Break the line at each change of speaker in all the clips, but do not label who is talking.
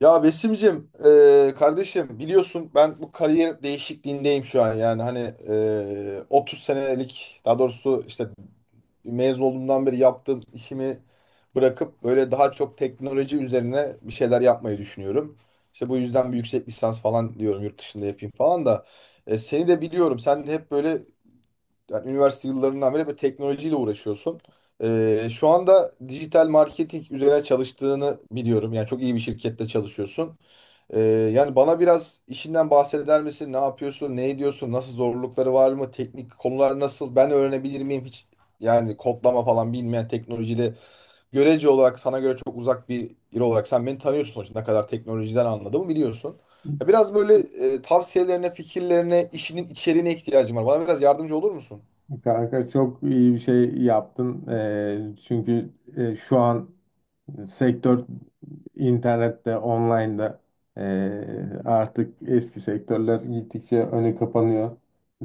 Ya Besim'cim, kardeşim biliyorsun ben bu kariyer değişikliğindeyim şu an. Yani hani 30 senelik, daha doğrusu işte mezun olduğumdan beri yaptığım işimi bırakıp böyle daha çok teknoloji üzerine bir şeyler yapmayı düşünüyorum. İşte bu yüzden bir yüksek lisans falan diyorum, yurt dışında yapayım falan da. Seni de biliyorum, sen de hep böyle yani üniversite yıllarından beri böyle teknolojiyle uğraşıyorsun. Şu anda dijital marketing üzerine çalıştığını biliyorum. Yani çok iyi bir şirkette çalışıyorsun. Ee, Yani bana biraz işinden bahseder misin? Ne yapıyorsun? Ne ediyorsun? Nasıl, zorlukları var mı? Teknik konular nasıl? Ben öğrenebilir miyim hiç? Yani kodlama falan bilmeyen, teknolojide görece olarak sana göre çok uzak bir yer olarak, sen beni tanıyorsun sonuçta. Ne kadar teknolojiden anladığımı biliyorsun. Ya, biraz böyle tavsiyelerine, fikirlerine, işinin içeriğine ihtiyacım var. Bana biraz yardımcı olur musun?
Kanka çok iyi bir şey yaptın. Çünkü şu an sektör internette, online'da. Artık eski sektörler gittikçe önü kapanıyor.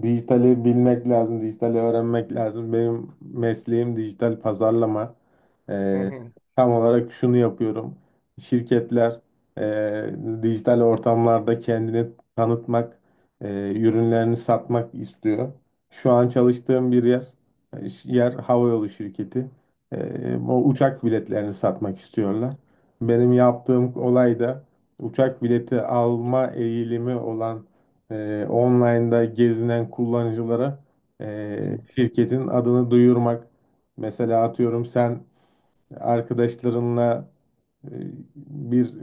Dijitali bilmek lazım, dijitali öğrenmek lazım. Benim mesleğim dijital pazarlama.
Hı
Eee,
hı.
Tam olarak şunu yapıyorum. Şirketler dijital ortamlarda kendini tanıtmak, ürünlerini satmak istiyor. Şu an çalıştığım bir yer havayolu şirketi. O uçak biletlerini satmak istiyorlar. Benim yaptığım olay da uçak bileti alma eğilimi olan online'da gezinen kullanıcılara
Hı hı.
şirketin adını duyurmak. Mesela atıyorum sen arkadaşlarınla e, bir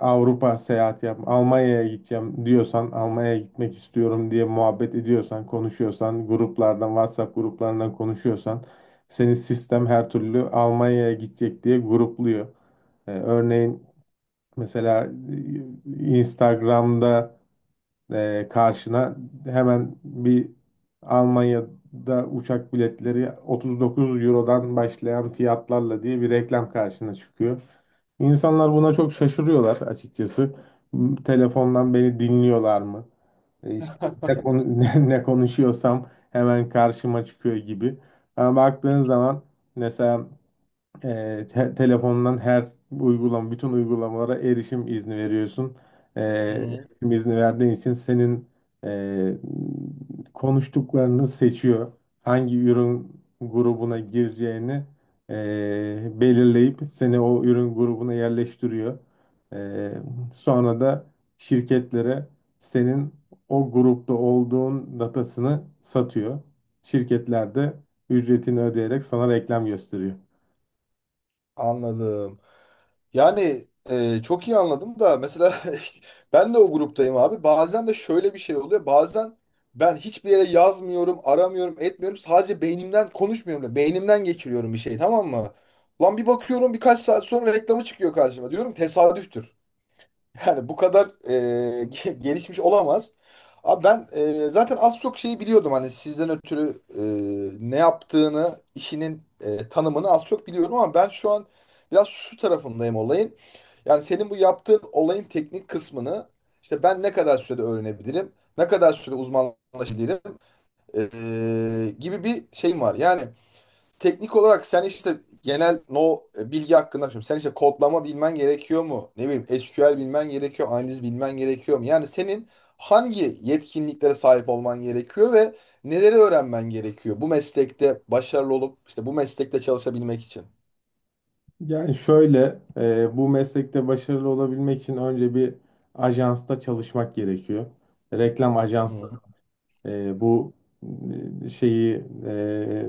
Avrupa seyahati yap, Almanya'ya gideceğim diyorsan, Almanya'ya gitmek istiyorum diye muhabbet ediyorsan, konuşuyorsan, gruplardan, WhatsApp gruplarından konuşuyorsan, seni sistem her türlü Almanya'ya gidecek diye grupluyor. Örneğin mesela Instagram'da karşına hemen bir Almanya'da uçak biletleri 39 Euro'dan başlayan fiyatlarla diye bir reklam karşına çıkıyor. İnsanlar buna çok şaşırıyorlar açıkçası. Telefondan beni dinliyorlar mı? İşte ne konuşuyorsam hemen karşıma çıkıyor gibi. Ama baktığın zaman mesela telefondan her uygulama, bütün uygulamalara erişim izni veriyorsun.
Hı
Evet.
hı.
Erişim izni verdiğin için senin e, konuştuklarını seçiyor. Hangi ürün grubuna gireceğini belirleyip seni o ürün grubuna yerleştiriyor. E, Sonra da şirketlere senin o grupta olduğun datasını satıyor. Şirketler de ücretini ödeyerek sana reklam gösteriyor.
Anladım. Yani, çok iyi anladım da mesela ben de o gruptayım abi. Bazen de şöyle bir şey oluyor. Bazen ben hiçbir yere yazmıyorum, aramıyorum, etmiyorum. Sadece beynimden konuşmuyorum da beynimden geçiriyorum bir şey, tamam mı? Lan bir bakıyorum, birkaç saat sonra reklamı çıkıyor karşıma. Diyorum tesadüftür. Yani bu kadar gelişmiş olamaz. Abi, ben zaten az çok şeyi biliyordum hani sizden ötürü, ne yaptığını, işinin tanımını az çok biliyordum, ama ben şu an biraz şu tarafındayım olayın. Yani senin bu yaptığın olayın teknik kısmını, işte ben ne kadar sürede öğrenebilirim, ne kadar süre uzmanlaşabilirim e, gibi bir şeyim var. Yani teknik olarak sen işte genel no e, bilgi hakkında, şimdi sen işte kodlama bilmen gerekiyor mu? Ne bileyim, SQL bilmen gerekiyor, analiz bilmen gerekiyor mu? Yani senin hangi yetkinliklere sahip olman gerekiyor ve neleri öğrenmen gerekiyor bu meslekte başarılı olup işte bu meslekte çalışabilmek için?
Yani şöyle, bu meslekte başarılı olabilmek için önce bir ajansta çalışmak gerekiyor. Reklam
Hı hı.
e, bu e, şeyi e,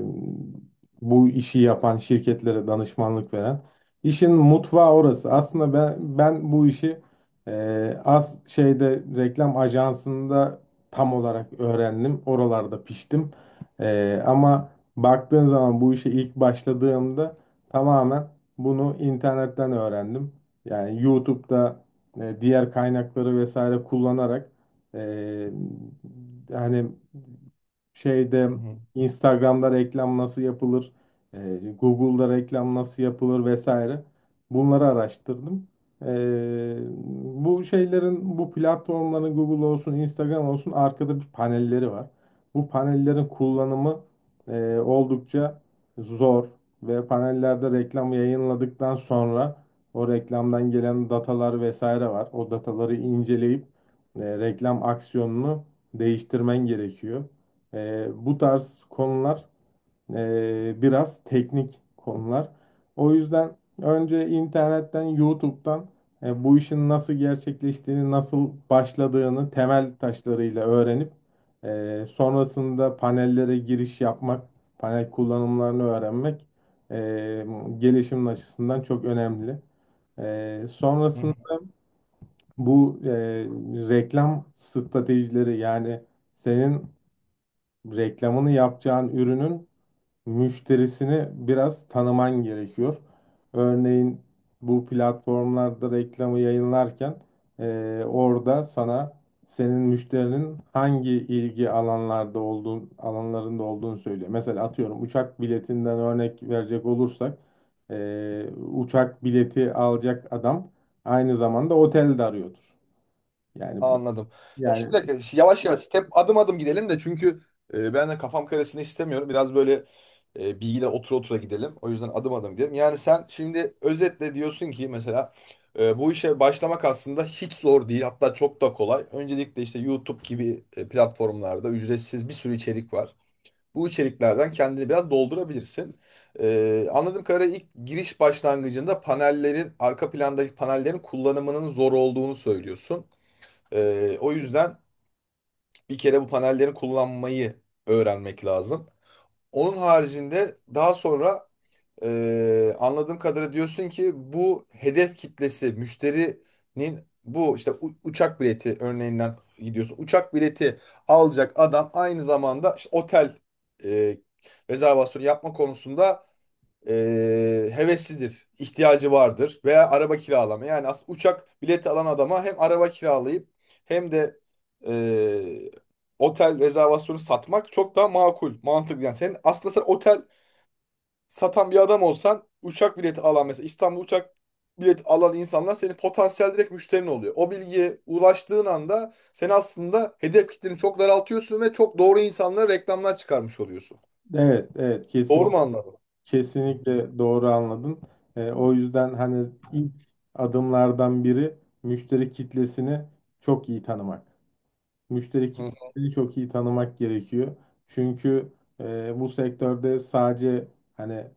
Bu işi yapan şirketlere danışmanlık veren işin mutfağı orası. Aslında ben bu işi az şeyde reklam ajansında tam olarak öğrendim. Oralarda piştim. Ama baktığın zaman bu işe ilk başladığımda tamamen bunu internetten öğrendim. Yani YouTube'da diğer kaynakları vesaire kullanarak ee, yani şeyde
Hı
Instagram'da reklam nasıl yapılır, Google'da reklam nasıl yapılır vesaire. Bunları araştırdım. Ee, Bu şeylerin, bu platformların Google olsun, Instagram olsun arkada bir panelleri var. Bu panellerin kullanımı oldukça zor ve panellerde reklam yayınladıktan sonra o reklamdan gelen datalar vesaire var. O dataları inceleyip reklam aksiyonunu değiştirmen gerekiyor. Bu tarz konular biraz teknik konular. O yüzden önce internetten, YouTube'dan bu işin nasıl gerçekleştiğini, nasıl başladığını temel taşlarıyla öğrenip sonrasında panellere giriş yapmak, panel kullanımlarını öğrenmek e, gelişimin açısından çok önemli. Sonrasında
hı.
bu reklam stratejileri, yani senin reklamını yapacağın ürünün müşterisini biraz tanıman gerekiyor. Örneğin bu platformlarda reklamı yayınlarken orada sana senin müşterinin hangi ilgi alanlarda olduğun alanlarında olduğunu söylüyor. Mesela atıyorum uçak biletinden örnek verecek olursak e, uçak bileti alacak adam aynı zamanda otel de arıyordur. Yani
Anladım. Ya
yani
şimdi yavaş yavaş, adım adım gidelim de, çünkü ben de kafam karışsın istemiyorum. Biraz böyle bilgiler otura otura gidelim. O yüzden adım adım gidelim. Yani sen şimdi özetle diyorsun ki mesela bu işe başlamak aslında hiç zor değil. Hatta çok da kolay. Öncelikle işte YouTube gibi platformlarda ücretsiz bir sürü içerik var. Bu içeriklerden kendini biraz doldurabilirsin. E, anladığım kadarıyla ilk giriş başlangıcında panellerin, arka plandaki panellerin kullanımının zor olduğunu söylüyorsun. O yüzden bir kere bu panelleri kullanmayı öğrenmek lazım. Onun haricinde daha sonra anladığım kadarıyla diyorsun ki, bu hedef kitlesi müşterinin, bu işte uçak bileti örneğinden gidiyorsun. Uçak bileti alacak adam aynı zamanda işte otel e, rezervasyonu yapma konusunda e, heveslidir, ihtiyacı vardır, veya araba kiralama. Yani uçak bileti alan adama hem araba kiralayıp hem de e, otel rezervasyonu satmak çok daha makul, mantıklı. Yani sen aslında, sen otel satan bir adam olsan, uçak bileti alan, mesela İstanbul uçak bileti alan insanlar senin potansiyel direkt müşterin oluyor. O bilgiye ulaştığın anda sen aslında hedef kitleni çok daraltıyorsun ve çok doğru insanlara reklamlar çıkarmış oluyorsun.
evet, evet, kesin,
Doğru mu anladım?
kesinlikle doğru anladın. O yüzden hani ilk adımlardan biri müşteri kitlesini çok iyi tanımak. Müşteri
Hı
kitlesini çok iyi tanımak gerekiyor. Çünkü bu sektörde sadece hani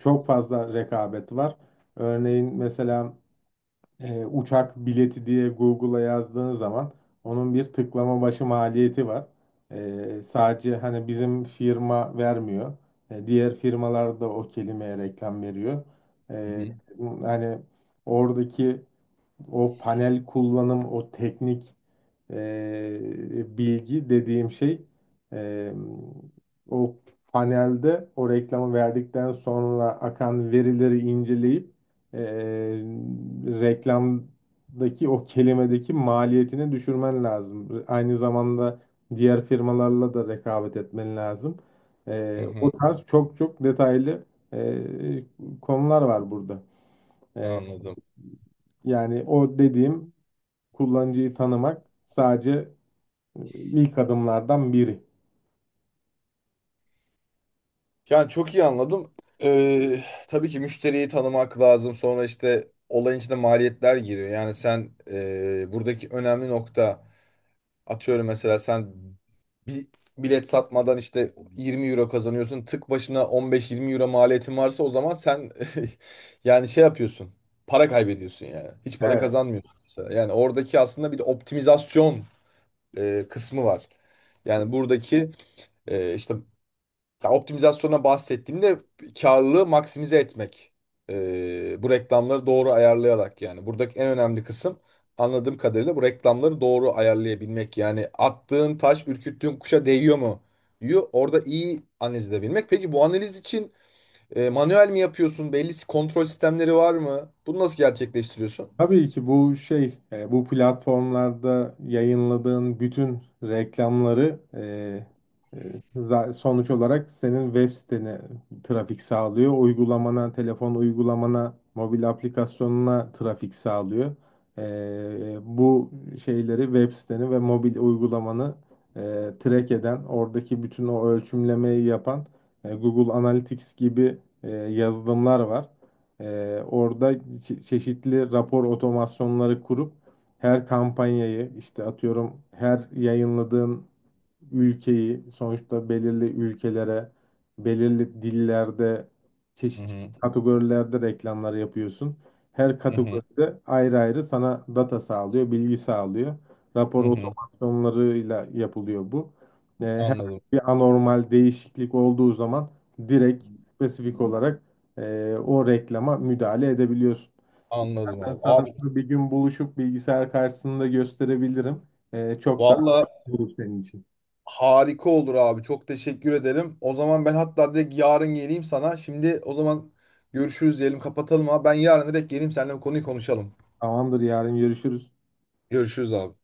çok fazla rekabet var. Örneğin mesela uçak bileti diye Google'a yazdığın zaman onun bir tıklama başı maliyeti var. Sadece hani bizim firma vermiyor. Diğer firmalar da o kelimeye reklam veriyor. E,
hı
Hani oradaki o panel kullanım, o teknik bilgi dediğim şey, e, o panelde o reklamı verdikten sonra akan verileri inceleyip e, reklamdaki o kelimedeki maliyetini düşürmen lazım. Aynı zamanda diğer firmalarla da rekabet etmen lazım.
hı. Hı.
O tarz çok çok detaylı e, konular var burada. E,
Anladım.
Yani o dediğim kullanıcıyı tanımak sadece e, ilk adımlardan biri.
Yani çok iyi anladım. Tabii ki müşteriyi tanımak lazım. Sonra işte olayın içinde maliyetler giriyor. Yani sen, buradaki önemli nokta, atıyorum mesela sen bir bilet satmadan işte 20 euro kazanıyorsun. Tık başına 15-20 euro maliyetin varsa, o zaman sen yani şey yapıyorsun. Para kaybediyorsun yani. Hiç para
Evet.
kazanmıyorsun mesela. Yani oradaki aslında bir de optimizasyon kısmı var. Yani buradaki işte, ya optimizasyona bahsettiğimde karlılığı maksimize etmek. Bu reklamları doğru ayarlayarak yani. Buradaki en önemli kısım, anladığım kadarıyla, bu reklamları doğru ayarlayabilmek. Yani attığın taş ürküttüğün kuşa değiyor mu? Orada iyi analiz edebilmek. Peki bu analiz için manuel mi yapıyorsun? Belli kontrol sistemleri var mı? Bunu nasıl gerçekleştiriyorsun?
Tabii ki bu şey, bu platformlarda yayınladığın bütün reklamları e, sonuç olarak senin web sitene trafik sağlıyor. Uygulamana, telefon uygulamana, mobil aplikasyonuna trafik sağlıyor. Bu şeyleri, web siteni ve mobil uygulamanı e, track eden, oradaki bütün o ölçümlemeyi yapan Google Analytics gibi yazılımlar var. Orada çeşitli rapor otomasyonları kurup her kampanyayı, işte atıyorum her yayınladığın ülkeyi, sonuçta belirli ülkelere, belirli dillerde,
Hı
çeşitli
hı,
kategorilerde reklamlar yapıyorsun. Her
hı hı,
kategoride ayrı ayrı sana data sağlıyor, bilgi sağlıyor. Rapor
hı hı.
otomasyonlarıyla yapılıyor bu. Her
Anladım.
bir anormal değişiklik olduğu zaman direkt spesifik olarak o reklama müdahale edebiliyorsun.
Anladım
İstersen
abi.
sana
Abi,
bunu bir gün buluşup bilgisayar karşısında gösterebilirim. Çok daha
valla,
olur senin için.
harika olur abi. Çok teşekkür ederim. O zaman ben hatta direkt yarın geleyim sana. Şimdi o zaman görüşürüz diyelim, kapatalım abi. Ben yarın direkt geleyim, seninle bu konuyu konuşalım.
Tamamdır, yarın görüşürüz.
Görüşürüz abi.